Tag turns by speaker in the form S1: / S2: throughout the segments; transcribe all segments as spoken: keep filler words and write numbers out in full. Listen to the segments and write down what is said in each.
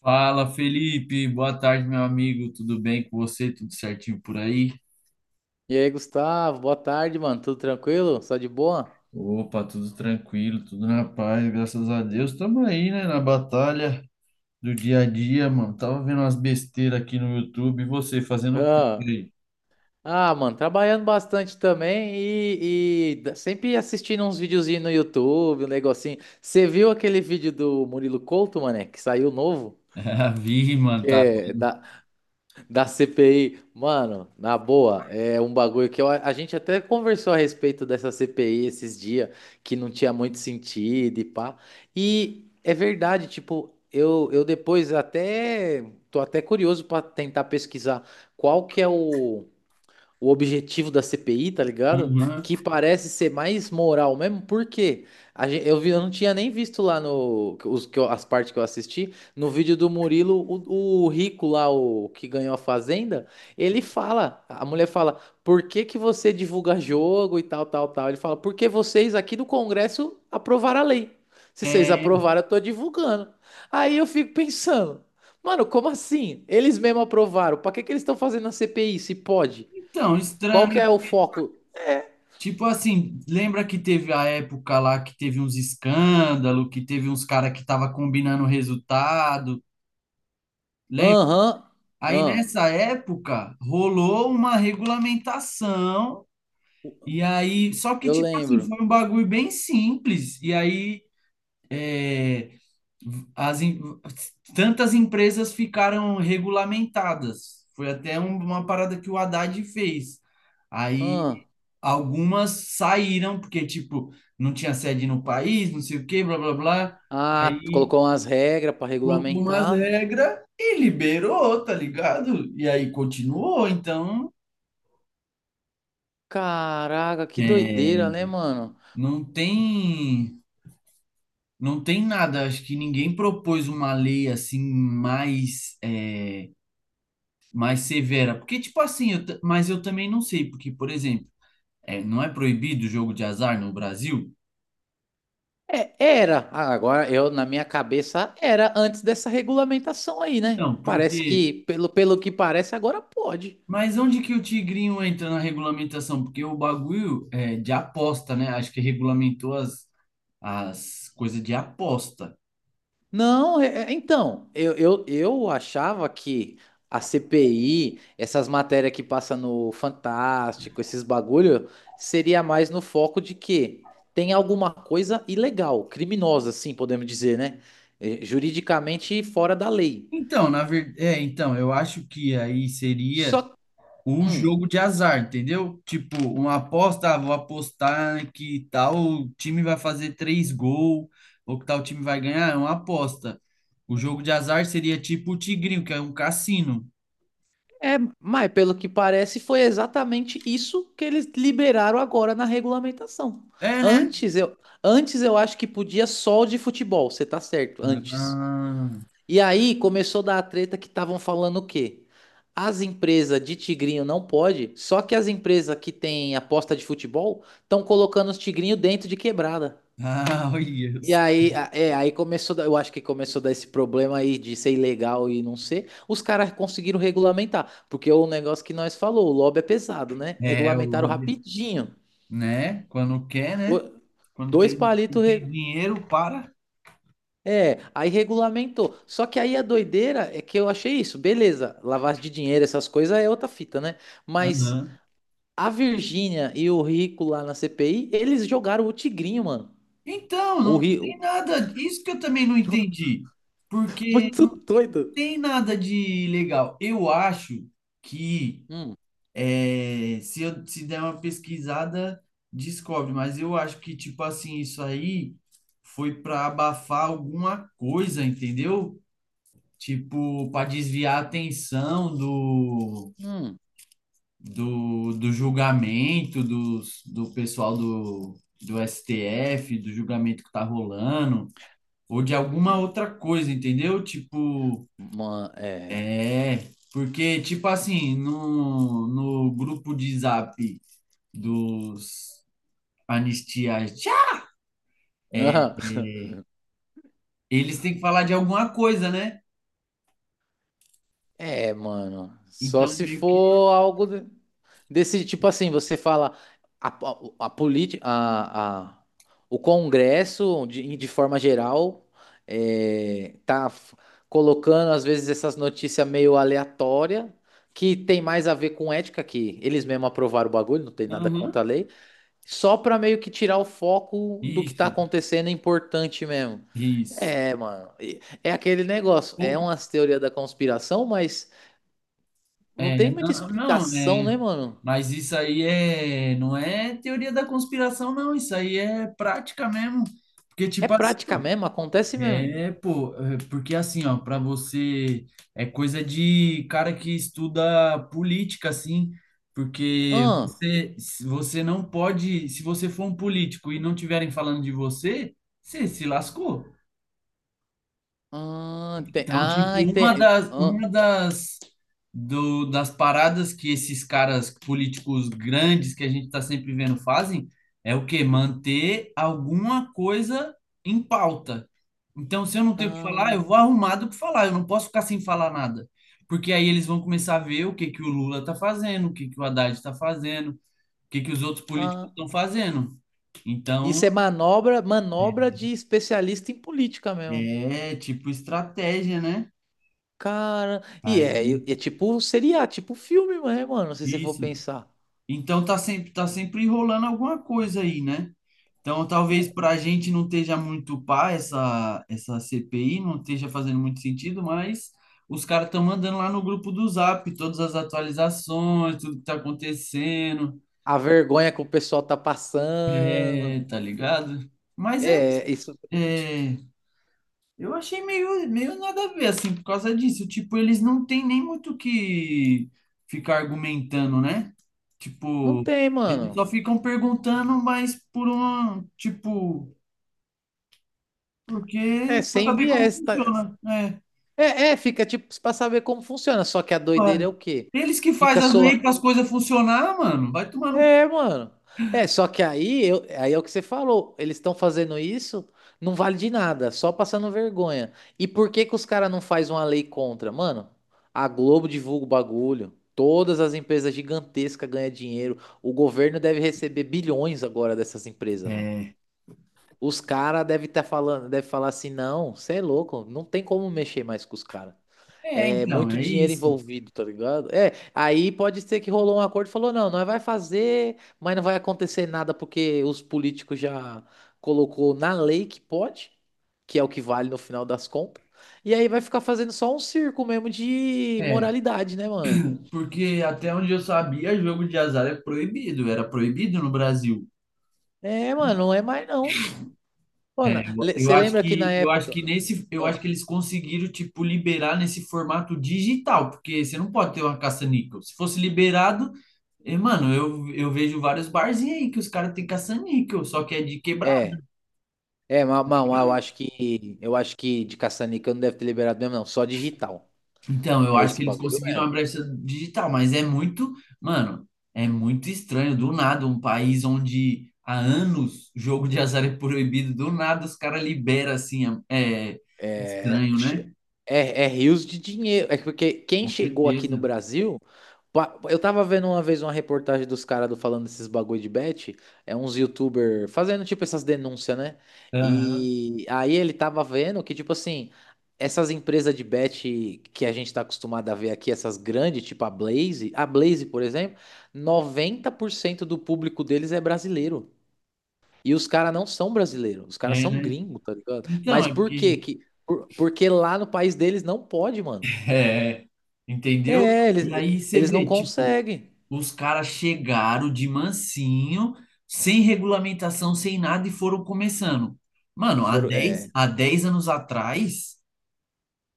S1: Fala, Felipe. Boa tarde, meu amigo. Tudo bem com você? Tudo certinho por aí?
S2: E aí, Gustavo, boa tarde, mano. Tudo tranquilo? Só de boa?
S1: Opa, tudo tranquilo, tudo na paz, graças a Deus. Estamos aí, né, na batalha do dia a dia, mano. Tava vendo umas besteiras aqui no YouTube. E você, fazendo o quê por
S2: Ah,
S1: aí?
S2: ah, mano, trabalhando bastante também e, e da- sempre assistindo uns videozinhos no YouTube, um negocinho. Você viu aquele vídeo do Murilo Couto, mané, que saiu novo?
S1: Ah, vi, mano,
S2: Que
S1: tá
S2: é
S1: vendo?
S2: da, Da C P I, mano, na boa, é um bagulho que eu- a gente até conversou a respeito dessa C P I esses dias, que não tinha muito sentido e pá. E é verdade, tipo, eu, eu depois até tô até curioso para tentar pesquisar qual que é o, o objetivo da C P I, tá ligado?
S1: Aham.
S2: Que parece ser mais moral mesmo, porque a gen- eu vi, eu não tinha nem visto lá no os, que eu- as partes que eu assisti, no vídeo do Murilo, o, o rico lá, o que ganhou a fazenda, ele fala, a mulher fala, por que que você divulga jogo e tal, tal, tal? Ele fala, porque vocês aqui do Congresso aprovaram a lei. Se vocês
S1: É,
S2: aprovaram, eu tô divulgando. Aí eu fico pensando, mano, como assim? Eles mesmo aprovaram. Pra que que eles estão fazendo a C P I, se pode?
S1: então,
S2: Qual
S1: estranho,
S2: que
S1: né?
S2: é o foco?
S1: Tipo assim, lembra que teve a época lá que teve uns escândalos, que teve uns cara que tava combinando resultado?
S2: Aham,
S1: Aí
S2: ahn.
S1: nessa época rolou uma regulamentação e aí só que
S2: Eu
S1: tipo assim
S2: lembro.
S1: foi um bagulho bem simples e aí é, as em- tantas empresas ficaram regulamentadas. Foi até um- uma parada que o Haddad fez. Aí
S2: Ahn.
S1: algumas saíram porque tipo não tinha sede no país, não sei o quê, blá blá blá.
S2: Ah, tu
S1: Aí
S2: colocou umas regras para
S1: colocou umas
S2: regulamentar.
S1: regras e liberou, tá ligado? E aí continuou, então
S2: Caraca, que
S1: é,
S2: doideira, né, mano?
S1: não tem, não tem nada. Acho que ninguém propôs uma lei assim mais, é, mais severa. Porque, tipo assim, eu ta- mas eu também não sei, porque, por exemplo, é, não é proibido o jogo de azar no Brasil?
S2: É, era. Ah, agora eu na minha cabeça era antes dessa regulamentação aí, né?
S1: Não,
S2: Parece
S1: porque.
S2: que, pelo, pelo que parece, agora pode.
S1: Mas onde que o tigrinho entra na regulamentação? Porque o bagulho é de aposta, né? Acho que regulamentou as, as coisas de aposta.
S2: Não, é- é- então, eu, eu, eu achava que a C P I, essas matérias que passa no Fantástico, esses bagulho, seria mais no foco de que tem alguma coisa ilegal, criminosa, assim, podemos dizer, né? Eh, juridicamente fora da lei.
S1: Então, na verdade, é, então, eu acho que aí seria
S2: Só,
S1: o
S2: hum,
S1: jogo de azar, entendeu? Tipo, uma aposta, ah, vou apostar que tal time vai fazer três gols, ou que tal time vai ganhar, é uma aposta. O jogo de azar seria tipo o Tigrinho, que é um cassino.
S2: é, mas pelo que parece, foi exatamente isso que eles liberaram agora na regulamentação.
S1: É, né?
S2: Antes eu, antes eu acho que podia só o de futebol, você tá certo, antes.
S1: Ah,
S2: E aí começou a dar a treta que estavam falando o quê? As empresas de tigrinho não pode, só que as empresas que têm aposta de futebol estão colocando os tigrinhos dentro de quebrada.
S1: ah, olha
S2: E
S1: os-
S2: aí, a- é, aí começou, a eu acho que começou a dar esse problema aí de ser ilegal e não ser. Os caras conseguiram regulamentar, porque é o negócio que nós falou, o lobby é pesado, né?
S1: É, o
S2: Regulamentaram
S1: lobby,
S2: rapidinho.
S1: né? Quando quer, né?
S2: Do-
S1: Quando
S2: dois
S1: tem,
S2: palitos,
S1: tem dinheiro, para.
S2: é, aí regulamentou. Só que aí a doideira é que eu achei isso, beleza, lavagem de dinheiro, essas coisas é outra fita, né? Mas
S1: Aham.
S2: a Virgínia e o Rico lá na C P I, eles jogaram o tigrinho, mano.
S1: Então,
S2: O
S1: não tem
S2: Rico,
S1: nada. Isso que eu também não entendi. Porque
S2: muito doido.
S1: tem nada de legal. Eu acho que
S2: Hum,
S1: é, se eu se der uma pesquisada, descobre, mas eu acho que, tipo assim, isso aí foi para abafar alguma coisa, entendeu? Tipo, para desviar a atenção do,
S2: hum,
S1: do, do julgamento dos, do pessoal do, do S T F, do julgamento que tá rolando, ou de alguma outra coisa, entendeu? Tipo.
S2: mano, é.
S1: É, porque, tipo assim, no, no grupo de zap dos anistias, é,
S2: Aham.
S1: eles têm que falar de alguma coisa, né?
S2: É, mano, só
S1: Então,
S2: se
S1: meio que.
S2: for algo. De Desse tipo assim, você fala a, a, a, politi- a- a- o Congresso, de, de forma geral, é, tá f- colocando às vezes essas notícias meio aleatórias, que tem mais a ver com ética, que eles mesmos aprovaram o bagulho, não tem nada contra a
S1: Aham,
S2: lei, só pra meio que tirar o foco do que tá
S1: isso,
S2: acontecendo é importante mesmo.
S1: isso.
S2: É, mano, e- é aquele negócio, é
S1: Pô,
S2: umas teorias da conspiração, mas não
S1: é,
S2: tem muita
S1: não, não,
S2: explicação,
S1: é.
S2: né, mano?
S1: Mas isso aí é, não é teoria da conspiração, não. Isso aí é prática mesmo. Porque,
S2: É
S1: tipo
S2: prática mesmo, acontece mesmo.
S1: é, pô, é, porque assim, ó, para você é coisa de cara que estuda política, assim, porque
S2: Ah,
S1: você, se você não pode, se você for um político e não tiverem falando de você, você se lascou.
S2: ah, tem,
S1: Então, tipo,
S2: ah,
S1: uma
S2: ente-
S1: das,
S2: ah,
S1: uma das, do, das paradas que esses caras políticos grandes que a gente está sempre vendo fazem é o quê? Manter alguma coisa em pauta. Então, se eu não tenho o que falar, eu
S2: ah,
S1: vou arrumado para falar, eu não posso ficar sem falar nada. Porque aí eles vão começar a ver o que que o Lula tá fazendo, o que que o Haddad está fazendo, o que que os outros políticos
S2: ah.
S1: estão fazendo. Então,
S2: Isso é manobra, manobra de especialista em política mesmo.
S1: é tipo estratégia, né?
S2: Cara, e é, e
S1: Aí,
S2: é tipo seria, tipo filme, né, mano, se você for
S1: isso.
S2: pensar.
S1: Então tá sempre, tá sempre enrolando alguma coisa aí, né? Então talvez para a gente não esteja muito pá essa, essa C P I, não esteja fazendo muito sentido, mas os caras estão mandando lá no grupo do Zap todas as atualizações, tudo que tá acontecendo,
S2: A vergonha que o pessoal tá
S1: é,
S2: passando.
S1: tá ligado? Mas é,
S2: É, isso
S1: é, eu achei meio, meio nada a ver, assim, por causa disso. Tipo, eles não têm nem muito o que ficar argumentando, né?
S2: não
S1: Tipo,
S2: tem,
S1: eles
S2: mano.
S1: só ficam perguntando, mas por uma, tipo, porque
S2: É
S1: pra
S2: sem
S1: saber como
S2: viés, tá?
S1: funciona. É,
S2: É, é, fica tipo pra saber como funciona, só que a doideira
S1: pá.
S2: é o quê?
S1: Eles que
S2: Fica
S1: fazem as leis
S2: só
S1: para as coisas funcionar, mano, vai tomando.
S2: É, mano. É, só que aí, eu, aí é o que você falou. Eles estão fazendo isso, não vale de nada, só passando vergonha. E por que que os caras não faz uma lei contra? Mano, a Globo divulga o bagulho. Todas as empresas gigantescas ganham dinheiro. O governo deve receber bilhões agora dessas empresas, mano.
S1: É,
S2: Os caras devem estar falando, deve falar assim, não, você é louco, não tem como mexer mais com os caras.
S1: é,
S2: É
S1: então,
S2: muito
S1: é
S2: dinheiro
S1: isso.
S2: envolvido, tá ligado? É, aí pode ser que rolou um acordo e falou, não, nós vai fazer, mas não vai acontecer nada porque os políticos já colocou na lei que pode, que é o que vale no final das contas. E aí vai ficar fazendo só um circo mesmo de
S1: É,
S2: moralidade, né, mano?
S1: porque até onde eu sabia, jogo de azar é proibido, era proibido no Brasil.
S2: É, mano, não é mais não.
S1: É,
S2: Mano,
S1: eu eu
S2: você
S1: acho
S2: lembra que na
S1: que eu acho
S2: época,
S1: que nesse eu
S2: ah,
S1: acho que eles conseguiram tipo liberar nesse formato digital, porque você não pode ter uma caça-níquel. Se fosse liberado, eh, mano, eu, eu vejo vários barzinhos aí que os caras têm caça-níquel, só que é de quebrado.
S2: é, é, mas eu acho que eu acho que de caça-níquel não deve ter liberado mesmo não, só digital.
S1: Então, eu
S2: É
S1: acho
S2: esse
S1: que eles
S2: bagulho
S1: conseguiram a
S2: mesmo.
S1: brecha digital, mas é muito, mano, é muito estranho do nada um país onde há anos jogo de azar é proibido, do nada os caras liberam assim, é é
S2: É,
S1: estranho,
S2: che-
S1: né?
S2: é, é rios de dinheiro. É porque quem
S1: Com
S2: chegou aqui no
S1: certeza.
S2: Brasil. pa- Eu tava vendo uma vez uma reportagem dos caras do- falando desses bagulho de bet. É uns youtuber fazendo tipo essas denúncias, né?
S1: Aham.
S2: E aí ele tava vendo que, tipo assim, essas empresas de bet que a gente tá acostumado a ver aqui, essas grandes, tipo a Blaze, a Blaze, por exemplo, noventa por cento do público deles é brasileiro. E os caras não são brasileiros, os caras
S1: É,
S2: são
S1: né?
S2: gringos, tá ligado?
S1: Então,
S2: Mas
S1: é
S2: por quê?
S1: porque.
S2: Que, por- porque lá no país deles não pode, mano.
S1: É, entendeu?
S2: É,
S1: E
S2: eles,
S1: aí você
S2: eles não
S1: vê, tipo,
S2: conseguem.
S1: os caras chegaram de mansinho, sem regulamentação, sem nada, e foram começando.
S2: E
S1: Mano, há
S2: foram,
S1: dez
S2: é.
S1: há dez anos atrás.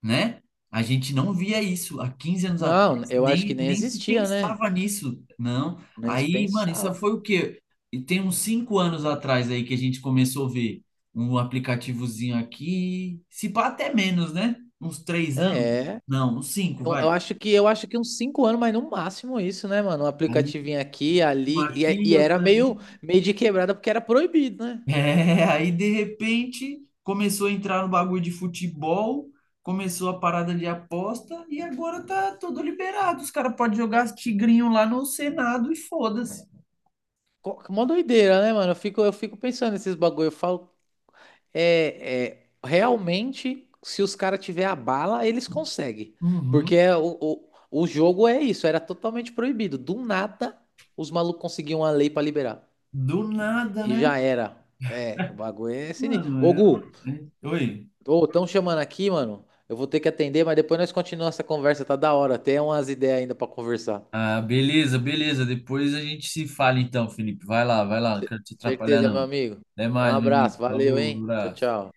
S1: Né? A gente não via isso há quinze anos atrás,
S2: Não, eu acho que
S1: nem,
S2: nem
S1: nem se
S2: existia, né?
S1: pensava nisso, não.
S2: Nem se
S1: Aí, mano, isso
S2: pensava.
S1: foi o quê? E tem uns cinco anos atrás aí que a gente começou a ver um aplicativozinho aqui, se pá até menos, né? Uns três anos?
S2: É.
S1: Não, uns cinco
S2: Eu,
S1: vai.
S2: eu acho que eu acho que uns cinco anos, mas no máximo isso, né, mano? Um
S1: Aí,
S2: aplicativinho aqui,
S1: um
S2: ali. E, é,
S1: aqui,
S2: e era
S1: outro
S2: meio, meio de quebrada porque era proibido, né?
S1: é, aí de repente começou a entrar no bagulho de futebol, começou a parada de aposta e agora tá tudo liberado. Os caras podem jogar tigrinho lá no Senado e foda-se.
S2: Co- mó doideira, né, mano? Eu fico, eu fico pensando nesses bagulho. Eu falo, é, é, realmente, se os caras tiver a bala, eles conseguem. Porque
S1: Uhum.
S2: é o, o, o jogo é isso, era totalmente proibido. Do nada, os malucos conseguiam a lei pra liberar.
S1: Do nada,
S2: E
S1: né?
S2: já era. É, o bagulho é sinistro.
S1: Mano,
S2: Ô, Gu,
S1: é- é- Oi.
S2: ô, tão chamando aqui, mano. Eu vou ter que atender, mas depois nós continuamos essa conversa, tá da hora. Tem umas ideias ainda pra conversar.
S1: Ah, beleza, beleza. Depois a gente se fala então, Felipe. Vai lá, vai lá. Não
S2: Ce-
S1: quero te atrapalhar,
S2: certeza, meu
S1: não.
S2: amigo.
S1: Até
S2: Um
S1: mais, meu amigo.
S2: abraço, valeu,
S1: Falou,
S2: hein? Tchau,
S1: abraço.
S2: tchau.